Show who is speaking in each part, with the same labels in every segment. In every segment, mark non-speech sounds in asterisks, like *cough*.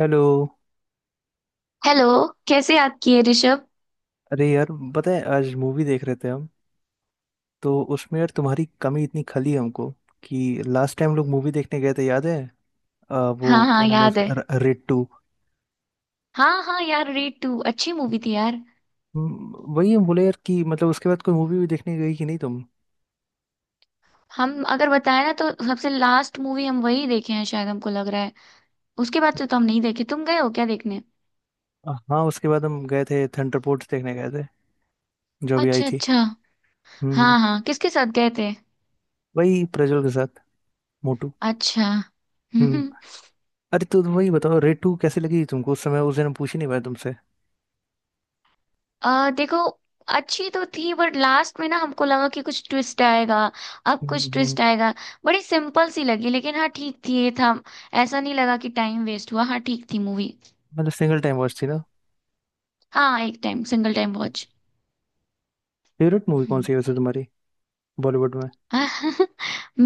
Speaker 1: Hello.
Speaker 2: Hello. कैसे याद किए ऋषभ।
Speaker 1: अरे यार, पता है आज मूवी देख रहे थे हम। तो उसमें यार तुम्हारी कमी इतनी खली हमको कि लास्ट टाइम लोग मूवी देखने गए थे, याद है।
Speaker 2: हाँ
Speaker 1: वो
Speaker 2: हाँ,
Speaker 1: क्या नाम है
Speaker 2: याद है।
Speaker 1: उसका रेड टू।
Speaker 2: हाँ हाँ, यार रेड टू अच्छी मूवी थी यार।
Speaker 1: वही हम बोले यार कि मतलब उसके बाद कोई मूवी भी देखने गई कि नहीं तुम।
Speaker 2: हम अगर बताए ना तो सबसे लास्ट मूवी हम वही देखे हैं, शायद हमको लग रहा है। उसके बाद से तो हम नहीं देखे। तुम गए हो क्या देखने?
Speaker 1: हाँ, उसके बाद हम गए थे थंडरपोर्ट्स देखने गए थे। जो भी आई
Speaker 2: अच्छा
Speaker 1: थी।
Speaker 2: अच्छा।
Speaker 1: हम्म।
Speaker 2: हाँ हाँ, किसके साथ गए थे?
Speaker 1: वही प्रज्वल के साथ। मोटू।
Speaker 2: अच्छा।
Speaker 1: हम्म।
Speaker 2: हम्म।
Speaker 1: अरे तो वही बताओ रेड टू कैसे लगी तुमको, उस समय उस दिन हम पूछ ही नहीं पाए तुमसे।
Speaker 2: देखो, अच्छी तो थी बट लास्ट में ना हमको लगा कि कुछ ट्विस्ट आएगा, अब कुछ
Speaker 1: हम्म।
Speaker 2: ट्विस्ट आएगा। बड़ी सिंपल सी लगी, लेकिन हाँ ठीक थी, ये था। ऐसा नहीं लगा कि टाइम वेस्ट हुआ, हाँ ठीक थी मूवी।
Speaker 1: मतलब सिंगल टाइम वॉच थी ना।
Speaker 2: हाँ, एक time single time watch.
Speaker 1: Favourite movie कौन
Speaker 2: हम्म।
Speaker 1: सी है वैसे तुम्हारी? बॉलीवुड में।
Speaker 2: *laughs*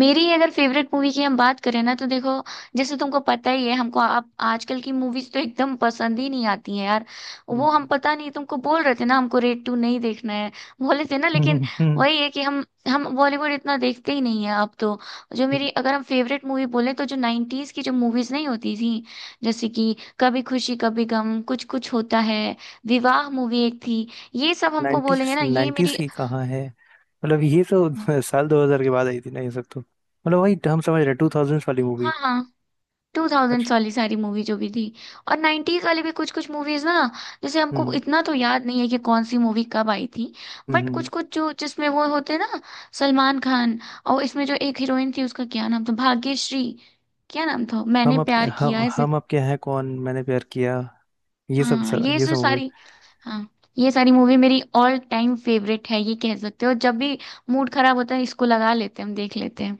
Speaker 2: मेरी अगर फेवरेट मूवी की हम बात करें ना तो देखो, जैसे तुमको पता ही है, हमको आप आजकल की मूवीज तो एकदम पसंद ही नहीं आती हैं यार। वो हम पता नहीं तुमको बोल रहे थे ना हमको रेड टू नहीं देखना है, बोले थे ना लेकिन।
Speaker 1: नाइन्टीज।
Speaker 2: वही है कि हम बॉलीवुड इतना देखते ही नहीं है अब तो। जो मेरी अगर हम फेवरेट मूवी बोले तो जो नाइन्टीज की जो मूवीज नहीं होती थी, जैसे कि कभी खुशी कभी गम, कुछ कुछ होता है, विवाह, मूवी एक थी। ये सब हमको बोलेंगे ना, ये
Speaker 1: नाइन्टीज
Speaker 2: मेरी।
Speaker 1: की कहाँ है, मतलब ये
Speaker 2: हाँ
Speaker 1: तो साल 2000 के बाद आई थी ना ये सब तो, मतलब वही हम समझ रहे 2000 वाली मूवी।
Speaker 2: हाँ। टू थाउजेंड्स
Speaker 1: अच्छा।
Speaker 2: वाली सारी मूवी जो भी थी और नाइन्टीज वाली भी कुछ कुछ मूवीज ना, जैसे हमको
Speaker 1: हम्म
Speaker 2: इतना तो याद नहीं है कि कौन सी मूवी कब आई थी।
Speaker 1: हम्म
Speaker 2: बट कुछ
Speaker 1: हम्म।
Speaker 2: कुछ जो जिसमें वो होते ना, सलमान खान, और इसमें जो एक हीरोइन थी उसका क्या नाम था, भाग्यश्री। क्या नाम था, मैंने
Speaker 1: हम आपके
Speaker 2: प्यार
Speaker 1: हम
Speaker 2: किया, ऐसे।
Speaker 1: हम आपके हैं कौन, मैंने प्यार किया। ये सब
Speaker 2: हाँ
Speaker 1: सब
Speaker 2: ये
Speaker 1: ये
Speaker 2: जो
Speaker 1: सब मूवी।
Speaker 2: सारी, हाँ ये सारी मूवी मेरी ऑल टाइम फेवरेट है, ये कह सकते हो। जब भी मूड खराब होता है इसको लगा लेते हैं, हम देख लेते हैं।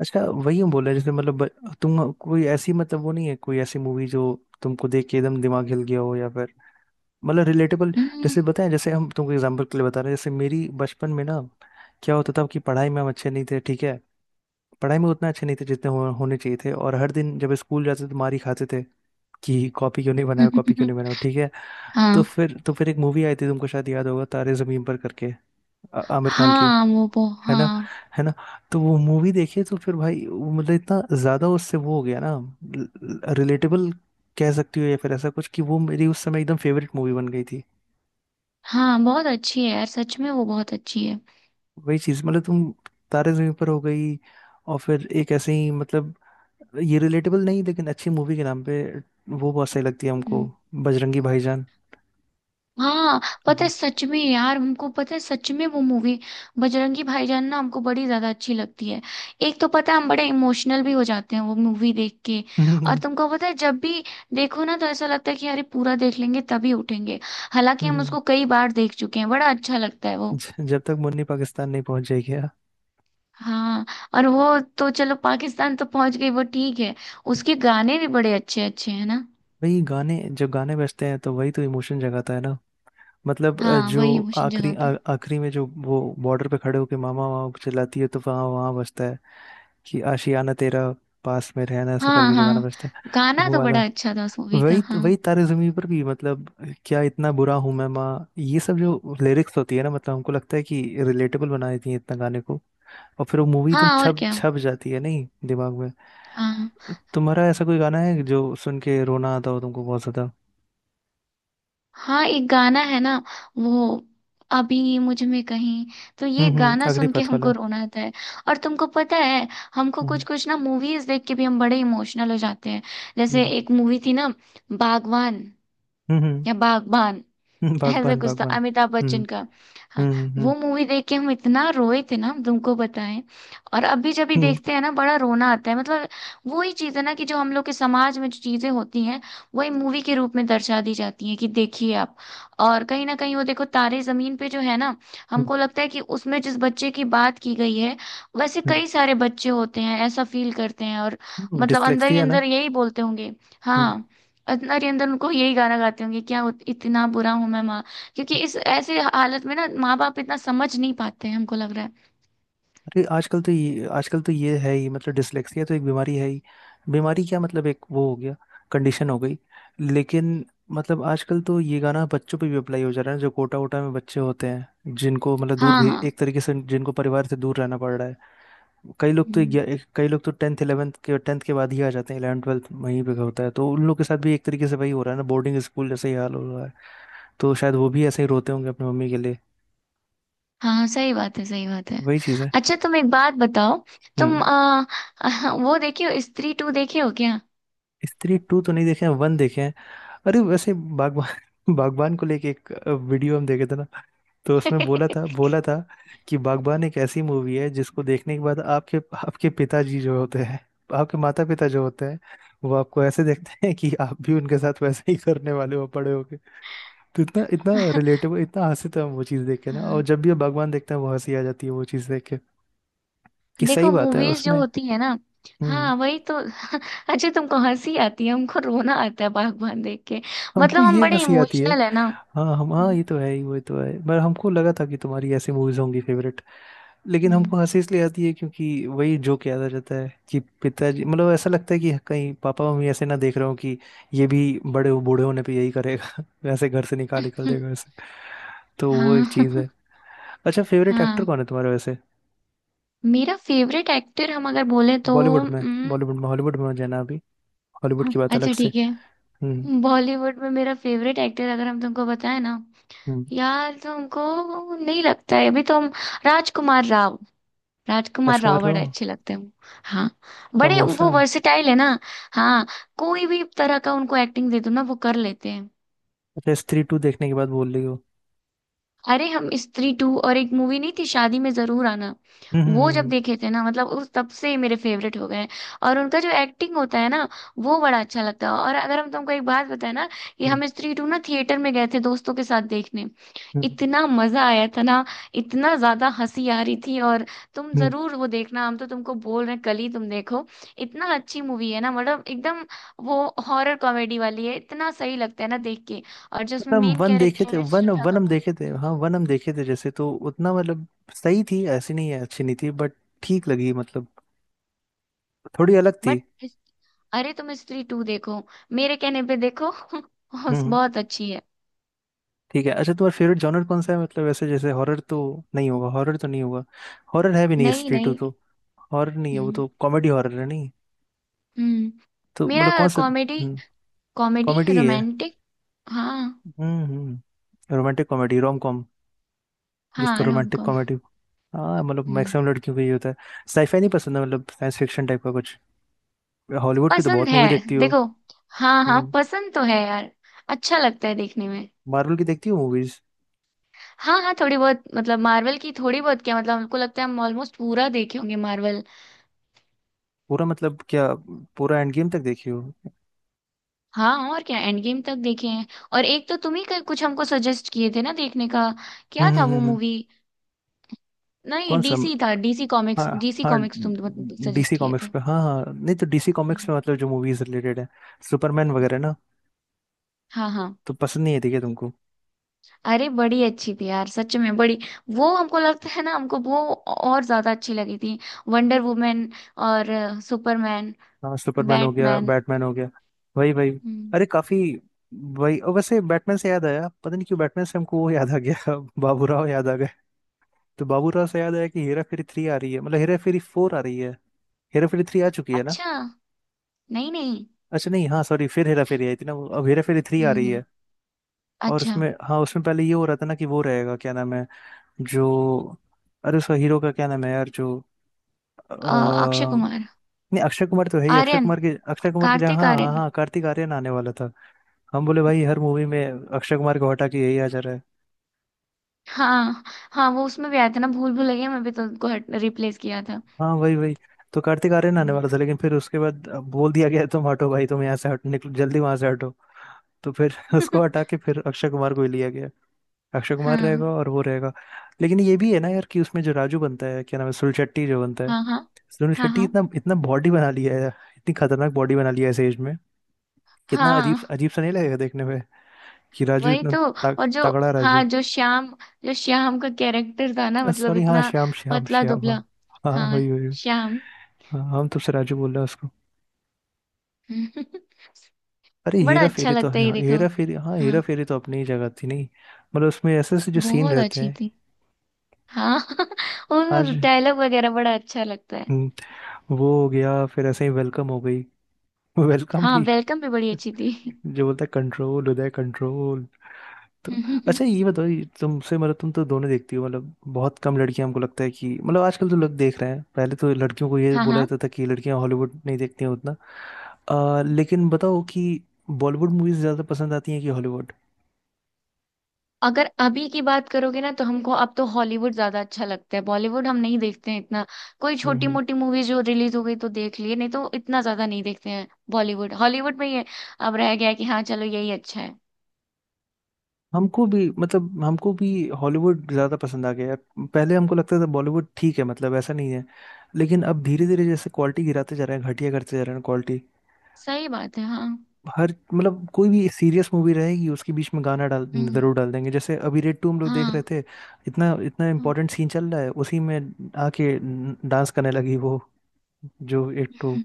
Speaker 1: अच्छा। वही हम बोल रहे हैं जैसे, मतलब तुम कोई ऐसी, मतलब वो नहीं है, कोई ऐसी मूवी जो तुमको देख के एकदम दिमाग हिल गया हो, या फिर मतलब रिलेटेबल।
Speaker 2: हम्म।
Speaker 1: जैसे बताएं, जैसे हम तुमको एग्जांपल के लिए बता रहे हैं, जैसे मेरी बचपन में ना। क्या होता था कि पढ़ाई में हम अच्छे नहीं थे, ठीक है। पढ़ाई में उतना अच्छे नहीं थे जितने होने चाहिए थे, और हर दिन जब स्कूल जाते थे तो मार ही खाते थे। कि कॉपी क्यों नहीं बनाया, कॉपी क्यों नहीं बनाया, ठीक है।
Speaker 2: *laughs*
Speaker 1: तो
Speaker 2: हाँ
Speaker 1: फिर तो फिर एक मूवी आई थी, तुमको शायद याद होगा, तारे जमीन पर करके। आमिर खान की।
Speaker 2: हाँ, वो
Speaker 1: है ना।
Speaker 2: हाँ।
Speaker 1: है ना। तो वो मूवी देखिए तो फिर भाई वो मतलब इतना ज्यादा उससे वो हो गया ना। रिलेटेबल कह सकती हो, या फिर ऐसा कुछ कि वो मेरी उस समय एकदम फेवरेट मूवी बन गई थी।
Speaker 2: हाँ बहुत अच्छी है यार, सच में वो बहुत अच्छी है।
Speaker 1: वही चीज मतलब तुम। तारे जमीन पर हो गई। और फिर एक ऐसे ही मतलब ये रिलेटेबल नहीं, लेकिन अच्छी मूवी के नाम पे वो बहुत सही लगती है हमको।
Speaker 2: हम्म,
Speaker 1: बजरंगी भाईजान।
Speaker 2: हाँ पता है,
Speaker 1: *laughs*
Speaker 2: सच में यार हमको पता है, सच में वो मूवी, बजरंगी भाईजान ना हमको बड़ी ज्यादा अच्छी लगती है। एक तो पता है हम बड़े इमोशनल भी हो जाते हैं वो मूवी देख के। और
Speaker 1: हम्म,
Speaker 2: तुमको पता है, जब भी देखो ना तो ऐसा लगता है कि अरे पूरा देख लेंगे तभी उठेंगे। हालांकि हम
Speaker 1: हम्म।
Speaker 2: उसको कई बार देख चुके हैं, बड़ा अच्छा लगता है वो।
Speaker 1: जब तक मुन्नी पाकिस्तान नहीं पहुंच जाएगी यार।
Speaker 2: हाँ, और वो तो चलो पाकिस्तान तो पहुंच गई वो, ठीक है। उसके गाने भी बड़े अच्छे अच्छे हैं ना।
Speaker 1: वही गाने, जब गाने बजते हैं तो वही तो इमोशन जगाता है ना। मतलब
Speaker 2: हाँ वही
Speaker 1: जो
Speaker 2: इमोशन
Speaker 1: आखिरी
Speaker 2: जगाता है।
Speaker 1: आखिरी में जो वो बॉर्डर पे खड़े होके मामा मामा चिल्लाती है तो वहाँ वहाँ बजता है। कि आशियाना तेरा पास में रहना, ऐसा
Speaker 2: हाँ
Speaker 1: करके जो गाना
Speaker 2: हाँ,
Speaker 1: बजता है।
Speaker 2: गाना
Speaker 1: वो
Speaker 2: तो
Speaker 1: वाला।
Speaker 2: बड़ा अच्छा था उस मूवी का,
Speaker 1: वही
Speaker 2: हाँ।
Speaker 1: वही तारे जमीन पर भी मतलब, क्या इतना बुरा हूं मैं माँ? ये सब जो लिरिक्स होती है ना, मतलब हमको लगता है कि रिलेटेबल बना देती है इतना गाने को। और फिर वो मूवी एकदम
Speaker 2: हाँ और
Speaker 1: छप
Speaker 2: क्या।
Speaker 1: छप जाती है नहीं दिमाग में।
Speaker 2: हाँ
Speaker 1: तुम्हारा ऐसा कोई गाना है जो सुन के रोना आता हो तुमको बहुत ज्यादा?
Speaker 2: हाँ, एक गाना है ना, वो, अभी मुझ में कहीं, तो ये
Speaker 1: हम्म,
Speaker 2: गाना सुन के
Speaker 1: अग्निपथ
Speaker 2: हमको
Speaker 1: वाला।
Speaker 2: रोना आता है। और तुमको पता है, हमको
Speaker 1: हम्म
Speaker 2: कुछ कुछ ना मूवीज देख के भी हम बड़े इमोशनल हो जाते हैं। जैसे
Speaker 1: हम्म
Speaker 2: एक मूवी थी ना, बागवान,
Speaker 1: हम्म हम्म,
Speaker 2: या बागबान,
Speaker 1: हम्म।
Speaker 2: ऐसा
Speaker 1: बागबान
Speaker 2: कुछ था,
Speaker 1: बागबान।
Speaker 2: अमिताभ
Speaker 1: हम्म
Speaker 2: बच्चन का। हाँ।
Speaker 1: हम्म
Speaker 2: वो
Speaker 1: हम्म
Speaker 2: मूवी देख के हम इतना रोए थे ना, हम तुमको बताएं। और अभी जब भी देखते हैं ना बड़ा रोना आता है मतलब। वही चीज है ना कि जो हम लोग के समाज में जो चीजें होती हैं, वही मूवी के रूप में दर्शा दी जाती हैं, कि देखिए आप। और कहीं ना कहीं वो देखो, तारे जमीन पे जो है ना,
Speaker 1: हम्म
Speaker 2: हमको लगता है कि उसमें जिस बच्चे की बात की गई है, वैसे कई सारे बच्चे होते हैं, ऐसा फील करते हैं, और
Speaker 1: हम्म,
Speaker 2: मतलब अंदर ही
Speaker 1: डिसलेक्सिया ना।
Speaker 2: अंदर यही बोलते होंगे।
Speaker 1: हम्म।
Speaker 2: हाँ, नरेंद्र उनको यही गाना गाते होंगे क्या, इतना बुरा हूं मैं माँ। क्योंकि इस ऐसे हालत में ना माँ बाप इतना समझ नहीं पाते हैं, हमको लग रहा है।
Speaker 1: अरे आजकल तो ये, आजकल तो ये है ही, मतलब डिसलेक्सिया तो एक बीमारी है ही। बीमारी क्या, मतलब एक वो हो गया, कंडीशन हो गई। लेकिन मतलब आजकल तो ये गाना बच्चों पे भी अप्लाई हो जा रहा है, जो कोटा वोटा में बच्चे होते हैं जिनको मतलब दूर
Speaker 2: हाँ
Speaker 1: भी,
Speaker 2: हाँ।
Speaker 1: एक तरीके से जिनको परिवार से दूर रहना पड़ रहा है। कई लोग तो
Speaker 2: हम्म,
Speaker 1: कई लोग तो 10th 11th के, 10th के बाद ही आ जाते हैं, 11 12th वहीं पे होता है, तो उन लोग के साथ भी एक तरीके से वही हो रहा है ना, बोर्डिंग स्कूल जैसे ही हाल हो रहा है। तो शायद वो भी ऐसे ही रोते होंगे अपनी मम्मी के लिए।
Speaker 2: हाँ हाँ, सही बात है, सही बात है।
Speaker 1: वही चीज़ है।
Speaker 2: अच्छा तुम एक बात बताओ, तुम
Speaker 1: हम्म।
Speaker 2: *laughs* वो देखे हो, स्त्री टू देखे हो क्या?
Speaker 1: स्त्री टू तो नहीं देखे हैं, वन देखे हैं। अरे वैसे बागबान *laughs* बागबान को लेके एक वीडियो हम देखे थे ना। तो उसमें बोला था,
Speaker 2: *laughs*
Speaker 1: बोला था कि बागबान एक ऐसी मूवी है जिसको देखने के बाद आपके, आपके पिताजी जो होते हैं, आपके माता पिता जो होते हैं, वो आपको ऐसे देखते हैं कि आप भी उनके साथ वैसे ही करने वाले हो बड़े होके। तो इतना इतना रिलेटेबल, इतना हंसी था वो चीज़ देख के ना, और
Speaker 2: हाँ,
Speaker 1: जब भी हम बागबान देखते हैं वो हंसी आ जाती है वो चीज़ देख के। कि सही
Speaker 2: देखो
Speaker 1: बात है
Speaker 2: मूवीज जो
Speaker 1: उसमें।
Speaker 2: होती है ना,
Speaker 1: हम्म।
Speaker 2: हाँ वही तो। *laughs* अच्छा, तुमको हंसी आती है, हमको रोना आता है बागबान देख के।
Speaker 1: हमको
Speaker 2: मतलब हम
Speaker 1: ये
Speaker 2: बड़े
Speaker 1: हंसी आती है।
Speaker 2: इमोशनल है ना।
Speaker 1: हाँ, हम हाँ, ये
Speaker 2: हम्म
Speaker 1: तो है ही, वो तो है, पर हमको लगा था कि तुम्हारी ऐसी मूवीज होंगी फेवरेट। लेकिन
Speaker 2: हम्म।
Speaker 1: हमको हंसी इसलिए आती है क्योंकि वही जोक याद आ जाता है कि पिताजी मतलब ऐसा लगता है कि कहीं पापा मम्मी ऐसे ना देख रहे हो कि ये भी बूढ़े होने पे यही करेगा *laughs* वैसे, घर से निकाल निकल
Speaker 2: *laughs*
Speaker 1: देगा वैसे। तो वो एक
Speaker 2: हाँ।
Speaker 1: चीज़ है।
Speaker 2: *laughs*
Speaker 1: अच्छा, फेवरेट एक्टर
Speaker 2: हाँ,
Speaker 1: कौन है तुम्हारा वैसे?
Speaker 2: मेरा फेवरेट एक्टर हम अगर बोले तो,
Speaker 1: बॉलीवुड में।
Speaker 2: उम्म,
Speaker 1: बॉलीवुड में, हॉलीवुड में जाना अभी। हॉलीवुड
Speaker 2: हाँ,
Speaker 1: की बात अलग
Speaker 2: अच्छा
Speaker 1: से।
Speaker 2: ठीक है।
Speaker 1: हम्म
Speaker 2: बॉलीवुड में मेरा फेवरेट एक्टर अगर हम तुमको बताएं ना,
Speaker 1: हम्म,
Speaker 2: यार तो हमको नहीं लगता है, अभी तो हम, राजकुमार राव, राजकुमार राव
Speaker 1: राजकुमार
Speaker 2: बड़े
Speaker 1: राव।
Speaker 2: अच्छे लगते हैं। हाँ, बड़े
Speaker 1: समोसा।
Speaker 2: वो वर्सेटाइल है ना। हाँ, कोई भी तरह का उनको एक्टिंग दे दो ना, वो कर लेते हैं।
Speaker 1: अच्छा, स्त्री टू देखने के बाद बोल रही हो।
Speaker 2: अरे हम स्त्री टू और एक मूवी नहीं थी, शादी में जरूर आना,
Speaker 1: हम्म हम्म
Speaker 2: वो जब
Speaker 1: हम्म
Speaker 2: देखे थे ना, मतलब उस तब से ही मेरे फेवरेट हो गए हैं। और उनका जो एक्टिंग होता है ना, वो बड़ा अच्छा लगता है। और अगर हम तुमको एक बात बताए ना, कि
Speaker 1: हम्म,
Speaker 2: हम स्त्री टू ना थिएटर में गए थे दोस्तों के साथ देखने,
Speaker 1: हम्म,
Speaker 2: इतना मजा आया था ना, इतना ज्यादा हंसी आ रही थी। और तुम
Speaker 1: हम्म।
Speaker 2: जरूर वो देखना, हम तो तुमको बोल रहे हैं, कल ही तुम देखो, इतना अच्छी मूवी है ना, मतलब एकदम। वो हॉरर कॉमेडी वाली है, इतना सही लगता है ना देख के। और जो उसमें
Speaker 1: मतलब हम
Speaker 2: मेन
Speaker 1: वन देखे थे,
Speaker 2: कैरेक्टर है,
Speaker 1: वन
Speaker 2: श्रद्धा
Speaker 1: वन हम
Speaker 2: कपूर।
Speaker 1: देखे थे, हाँ वन हम देखे थे जैसे, तो उतना मतलब सही थी ऐसी नहीं है, अच्छी नहीं थी बट ठीक लगी मतलब, थोड़ी अलग थी।
Speaker 2: बट, अरे तुम स्त्री टू देखो, मेरे कहने पे देखो। *laughs*
Speaker 1: हम्म हम्म,
Speaker 2: बहुत अच्छी है।
Speaker 1: ठीक है। अच्छा तुम्हारा फेवरेट जॉनर कौन सा है, मतलब ऐसे जैसे हॉरर तो नहीं होगा, हॉरर तो नहीं होगा। हॉरर है भी नहीं
Speaker 2: नहीं
Speaker 1: स्ट्रीट टू
Speaker 2: नहीं।
Speaker 1: तो, हॉरर नहीं है वो
Speaker 2: हम्म
Speaker 1: तो, कॉमेडी हॉरर है नहीं।
Speaker 2: हम्म,
Speaker 1: तो मतलब
Speaker 2: मेरा
Speaker 1: कौन सा?
Speaker 2: कॉमेडी,
Speaker 1: हम्म।
Speaker 2: कॉमेडी
Speaker 1: कॉमेडी है।
Speaker 2: रोमांटिक। हाँ
Speaker 1: हम्म। Romantic comedy, rom com. जिसको
Speaker 2: हाँ, रोम
Speaker 1: रोमांटिक
Speaker 2: कॉम।
Speaker 1: कॉमेडी। हाँ, मतलब
Speaker 2: हम्म।
Speaker 1: मैक्सिमम लड़कियों को ये होता है। साईफाई नहीं पसंद है, मतलब साइंस फिक्शन टाइप का कुछ? हॉलीवुड की तो
Speaker 2: पसंद
Speaker 1: बहुत
Speaker 2: है।
Speaker 1: मूवी देखती हो।
Speaker 2: देखो, हाँ हाँ
Speaker 1: हम्म।
Speaker 2: पसंद तो है यार, अच्छा लगता है देखने में।
Speaker 1: मार्वल की देखती हो मूवीज?
Speaker 2: हाँ हाँ, थोड़ी बहुत, मतलब मार्वल की थोड़ी बहुत क्या मतलब, हमको लगता है हम ऑलमोस्ट पूरा देखे होंगे मार्वल।
Speaker 1: पूरा मतलब क्या? पूरा एंड गेम तक देखी हो हम्म?
Speaker 2: हाँ और क्या, एंड गेम तक देखे हैं। और एक तो तुम ही कुछ हमको सजेस्ट किए थे ना देखने का, क्या था वो
Speaker 1: हम्म हम्म,
Speaker 2: मूवी, नहीं
Speaker 1: कौन सा?
Speaker 2: डीसी था, डीसी कॉमिक्स,
Speaker 1: हाँ
Speaker 2: डीसी
Speaker 1: हाँ,
Speaker 2: कॉमिक्स तुम
Speaker 1: डीसी
Speaker 2: सजेस्ट किए
Speaker 1: कॉमिक्स
Speaker 2: थे।
Speaker 1: पे, हाँ हाँ, नहीं तो डीसी कॉमिक्स
Speaker 2: हम्म।
Speaker 1: में मतलब जो मूवीज रिलेटेड है, सुपरमैन वगैरह ना।
Speaker 2: हाँ हाँ।
Speaker 1: तो पसंद नहीं है ठीक है तुमको।
Speaker 2: अरे बड़ी अच्छी थी यार, सच में बड़ी, वो हमको लगता है ना, हमको वो और ज्यादा अच्छी लगी थी, वंडर वुमेन और सुपरमैन,
Speaker 1: हाँ, सुपरमैन हो गया,
Speaker 2: बैटमैन।
Speaker 1: बैटमैन हो गया। वही वही।
Speaker 2: हम्म।
Speaker 1: अरे काफी, वही, और वैसे बैटमैन से याद आया, पता नहीं क्यों बैटमैन से हमको वो याद आ गया *laughs* बाबूराव याद आ गए। तो बाबूराव से याद आया कि हेरा फेरी थ्री आ रही है, मतलब हेरा फेरी फोर आ रही है। हेरा फेरी थ्री आ चुकी है ना।
Speaker 2: अच्छा, नहीं नहीं।
Speaker 1: अच्छा नहीं, हाँ सॉरी, फिर हेरा फेरी आई थी ना वो, अब हेरा फेरी थ्री आ रही
Speaker 2: हम्म।
Speaker 1: है। और
Speaker 2: अच्छा,
Speaker 1: उसमें, हाँ उसमें पहले ये हो रहा था ना कि वो रहेगा क्या नाम है जो, अरे उसका हीरो का क्या नाम है यार जो,
Speaker 2: अ, अक्षय कुमार,
Speaker 1: नहीं, अक्षय कुमार तो है ही,
Speaker 2: आर्यन,
Speaker 1: अक्षय कुमार की जगह,
Speaker 2: कार्तिक
Speaker 1: हाँ हाँ
Speaker 2: आर्यन।
Speaker 1: हाँ, कार्तिक आर्यन आने वाला था। हम बोले भाई, हर मूवी में अक्षय कुमार को हटा के यही आ जा रहा है।
Speaker 2: हाँ हाँ, वो उसमें भी आया था ना, भूल भुलैया में भी तो उनको रिप्लेस किया था।
Speaker 1: हाँ, वही वही। तो कार्तिक आर्यन आने
Speaker 2: हम्म।
Speaker 1: वाला था, लेकिन फिर उसके बाद बोल दिया गया तुम हटो भाई, तुम यहाँ से हटो, निकलो जल्दी वहां से हटो। तो फिर *laughs* उसको
Speaker 2: *laughs*
Speaker 1: हटा के फिर अक्षय कुमार को ही लिया गया। अक्षय कुमार रहेगा
Speaker 2: हाँ
Speaker 1: और वो रहेगा। लेकिन ये भी है ना यार कि उसमें जो राजू बनता है क्या नाम है, सुनील शेट्टी जो बनता है।
Speaker 2: हाँ हाँ
Speaker 1: सुनील
Speaker 2: हाँ
Speaker 1: शेट्टी
Speaker 2: हाँ
Speaker 1: इतना इतना बॉडी बना लिया है। इतनी खतरनाक बॉडी बना लिया है इस एज में। कितना अजीब
Speaker 2: हाँ,
Speaker 1: अजीब सा नहीं लगेगा देखने में? कि राजू
Speaker 2: वही
Speaker 1: इतना
Speaker 2: तो।
Speaker 1: तग,
Speaker 2: और जो,
Speaker 1: तगड़ा
Speaker 2: हाँ
Speaker 1: राजू।
Speaker 2: जो श्याम, जो श्याम का कैरेक्टर था ना, मतलब
Speaker 1: सॉरी हाँ,
Speaker 2: इतना
Speaker 1: श्याम श्याम
Speaker 2: पतला
Speaker 1: श्याम, हाँ।
Speaker 2: दुबला।
Speaker 1: हाँ,
Speaker 2: हाँ,
Speaker 1: वही वही।
Speaker 2: श्याम।
Speaker 1: हाँ हम तुमसे राजू बोल रहे हैं उसको।
Speaker 2: *laughs*
Speaker 1: अरे
Speaker 2: बड़ा
Speaker 1: हेरा
Speaker 2: अच्छा
Speaker 1: फेरी तो,
Speaker 2: लगता है, ये
Speaker 1: हाँ
Speaker 2: देखो।
Speaker 1: हेरा फेरी, हाँ हेरा
Speaker 2: हाँ
Speaker 1: फेरी तो अपनी ही जगह थी नहीं। मतलब उसमें ऐसे ऐसे जो सीन
Speaker 2: बहुत
Speaker 1: रहते
Speaker 2: अच्छी
Speaker 1: हैं।
Speaker 2: थी। हाँ। *laughs*
Speaker 1: आज।
Speaker 2: उन डायलॉग वगैरह बड़ा अच्छा लगता है।
Speaker 1: हम्म। वो हो गया, फिर ऐसे ही वेलकम हो गई। *laughs* वेलकम
Speaker 2: हाँ
Speaker 1: भी।
Speaker 2: वेलकम भी बड़ी अच्छी थी।
Speaker 1: जो बोलता है, कंट्रोल उदय कंट्रोल। तो
Speaker 2: *laughs*
Speaker 1: अच्छा ये बताओ, ये तुमसे मतलब, तुम तो दोनों देखती हो, मतलब बहुत कम लड़कियां हमको लगता है कि, मतलब आजकल तो लोग देख रहे हैं, पहले तो लड़कियों को ये
Speaker 2: हाँ
Speaker 1: बोला
Speaker 2: हाँ।
Speaker 1: जाता था कि लड़कियां हॉलीवुड नहीं देखती हैं उतना। लेकिन बताओ कि बॉलीवुड मूवीज ज्यादा पसंद आती हैं कि हॉलीवुड?
Speaker 2: अगर अभी की बात करोगे ना तो हमको अब तो हॉलीवुड ज्यादा अच्छा लगता है, बॉलीवुड हम नहीं देखते हैं इतना। कोई
Speaker 1: हम्म
Speaker 2: छोटी
Speaker 1: हम्म।
Speaker 2: मोटी मूवी जो रिलीज हो गई तो देख लिए, नहीं तो इतना ज्यादा नहीं देखते हैं बॉलीवुड। हॉलीवुड में ये अब रह गया है कि हाँ चलो, यही अच्छा है।
Speaker 1: हमको भी मतलब, हमको भी हॉलीवुड ज़्यादा पसंद आ गया है। पहले हमको लगता था बॉलीवुड ठीक है, मतलब ऐसा नहीं है। लेकिन अब धीरे
Speaker 2: हम्म।
Speaker 1: धीरे जैसे क्वालिटी गिराते जा रहे हैं, घटिया करते जा रहे हैं क्वालिटी।
Speaker 2: सही बात है, हाँ।
Speaker 1: हर मतलब कोई भी सीरियस मूवी रहेगी उसके बीच में गाना डाल
Speaker 2: हम्म,
Speaker 1: जरूर डाल देंगे, जैसे अभी रेड टू हम लोग देख रहे
Speaker 2: हाँ
Speaker 1: थे। इतना इतना
Speaker 2: हाँ
Speaker 1: इम्पोर्टेंट सीन चल रहा है उसी में आके डांस करने लगी वो, जो एक तो,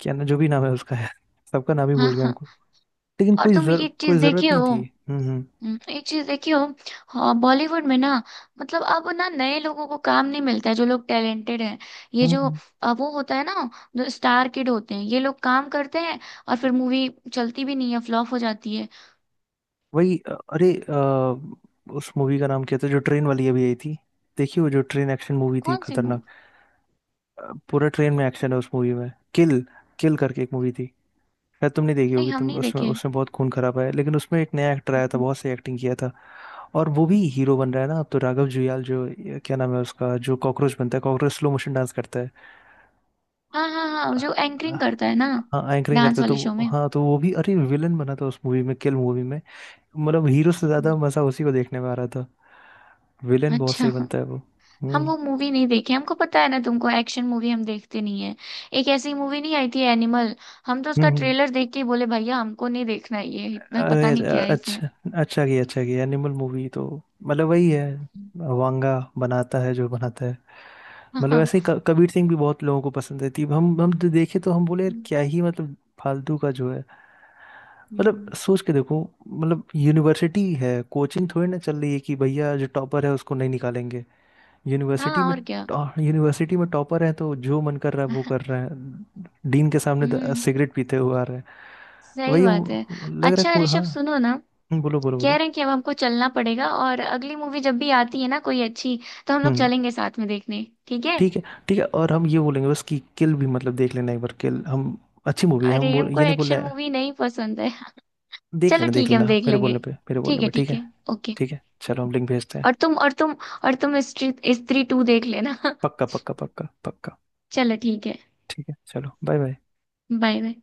Speaker 1: क्या ना जो भी नाम है उसका है, सबका नाम ही
Speaker 2: हाँ
Speaker 1: भूल गया
Speaker 2: हाँ।
Speaker 1: हमको। लेकिन
Speaker 2: और तुम ये चीज
Speaker 1: कोई
Speaker 2: देखे
Speaker 1: जरूरत नहीं
Speaker 2: हो,
Speaker 1: थी। हम्म हम्म
Speaker 2: एक चीज देखियो, हाँ, बॉलीवुड में ना, मतलब अब ना नए लोगों को काम नहीं मिलता है, जो लोग टैलेंटेड हैं, ये जो
Speaker 1: हम्म।
Speaker 2: वो होता है ना, जो स्टार किड होते हैं, ये लोग काम करते हैं, और फिर मूवी चलती भी नहीं है, फ्लॉप हो जाती है।
Speaker 1: वही अरे उस मूवी का नाम क्या था जो ट्रेन वाली अभी आई थी? देखिए वो जो ट्रेन एक्शन मूवी थी
Speaker 2: कौन सी
Speaker 1: खतरनाक।
Speaker 2: मूवी?
Speaker 1: पूरा ट्रेन में एक्शन है उस मूवी में, किल, किल करके एक मूवी थी। शायद तुमने देखी
Speaker 2: नहीं
Speaker 1: होगी
Speaker 2: हम
Speaker 1: तुम,
Speaker 2: नहीं
Speaker 1: उसमें
Speaker 2: देखे।
Speaker 1: उसमें बहुत खून खराब है, लेकिन उसमें एक नया एक्टर आया था,
Speaker 2: हम्म।
Speaker 1: बहुत सही एक्टिंग किया था। और वो भी हीरो बन रहा है ना अब तो, राघव जुयाल जो, ये क्या नाम है उसका, जो कॉकरोच बनता है, कॉकरोच स्लो मोशन डांस करता है।
Speaker 2: हाँ हाँ हाँ, जो एंकरिंग करता है ना,
Speaker 1: हाँ एंकरिंग करता
Speaker 2: डांस
Speaker 1: है,
Speaker 2: वाले शो
Speaker 1: तो
Speaker 2: में।
Speaker 1: हाँ तो वो भी अरे विलन बना था उस मूवी में, किल मूवी में। मतलब हीरो से ज्यादा
Speaker 2: हम्म।
Speaker 1: मजा उसी को देखने में आ रहा था। विलन बहुत
Speaker 2: अच्छा,
Speaker 1: सही बनता है वो।
Speaker 2: हम
Speaker 1: हम्म
Speaker 2: वो मूवी नहीं देखे, हमको पता है ना तुमको, एक्शन मूवी हम देखते नहीं है। एक ऐसी मूवी नहीं आई थी, एनिमल, हम तो
Speaker 1: हम्म
Speaker 2: उसका
Speaker 1: हम्म।
Speaker 2: ट्रेलर देख के ही बोले, भैया हमको नहीं देखना ये, इतना
Speaker 1: अरे
Speaker 2: पता नहीं क्या है इसमें।
Speaker 1: अच्छा, अच्छा किया, अच्छा किया, एनिमल मूवी तो मतलब वही है, वांगा बनाता है जो बनाता है।
Speaker 2: *laughs*
Speaker 1: मतलब
Speaker 2: हाँ।
Speaker 1: ऐसे ही कबीर सिंह भी बहुत लोगों को पसंद है थी, हम तो देखे तो हम बोले यार क्या ही मतलब, फालतू का जो है। मतलब
Speaker 2: हम्म।
Speaker 1: सोच के देखो, मतलब यूनिवर्सिटी है, कोचिंग थोड़ी ना चल रही है कि भैया जो टॉपर है उसको नहीं निकालेंगे
Speaker 2: हाँ
Speaker 1: यूनिवर्सिटी में।
Speaker 2: और क्या।
Speaker 1: यूनिवर्सिटी में टॉपर है तो जो मन कर रहा है वो
Speaker 2: *laughs*
Speaker 1: कर रहा है, डीन के सामने
Speaker 2: हम्म,
Speaker 1: सिगरेट पीते हुए आ रहे हैं।
Speaker 2: सही बात है।
Speaker 1: लग रहा है
Speaker 2: अच्छा
Speaker 1: को, हाँ।
Speaker 2: ऋषभ सुनो ना,
Speaker 1: बोलो बोलो
Speaker 2: कह
Speaker 1: बोलो।
Speaker 2: रहे हैं कि अब हमको चलना पड़ेगा, और अगली मूवी जब भी आती है ना कोई अच्छी, तो हम लोग
Speaker 1: हम्म।
Speaker 2: चलेंगे साथ में देखने, ठीक है?
Speaker 1: ठीक है, ठीक है, और हम ये बोलेंगे बस कि किल भी मतलब देख लेना एक बार, किल हम अच्छी मूवी है हम
Speaker 2: अरे
Speaker 1: बोल,
Speaker 2: हमको
Speaker 1: ये नहीं बोल रहे
Speaker 2: एक्शन
Speaker 1: हैं।
Speaker 2: मूवी नहीं पसंद है। *laughs*
Speaker 1: देख
Speaker 2: चलो
Speaker 1: लेना देख
Speaker 2: ठीक है,
Speaker 1: लेना,
Speaker 2: हम देख
Speaker 1: मेरे बोलने
Speaker 2: लेंगे।
Speaker 1: पे मेरे
Speaker 2: ठीक
Speaker 1: बोलने
Speaker 2: है
Speaker 1: पे, ठीक
Speaker 2: ठीक
Speaker 1: है।
Speaker 2: है, ओके।
Speaker 1: ठीक है, चलो हम लिंक भेजते हैं।
Speaker 2: और तुम और तुम और तुम स्त्री स्त्री टू देख लेना। *laughs*
Speaker 1: पक्का पक्का पक्का पक्का।
Speaker 2: चलो ठीक है।
Speaker 1: ठीक है चलो, बाय बाय।
Speaker 2: Bye bye.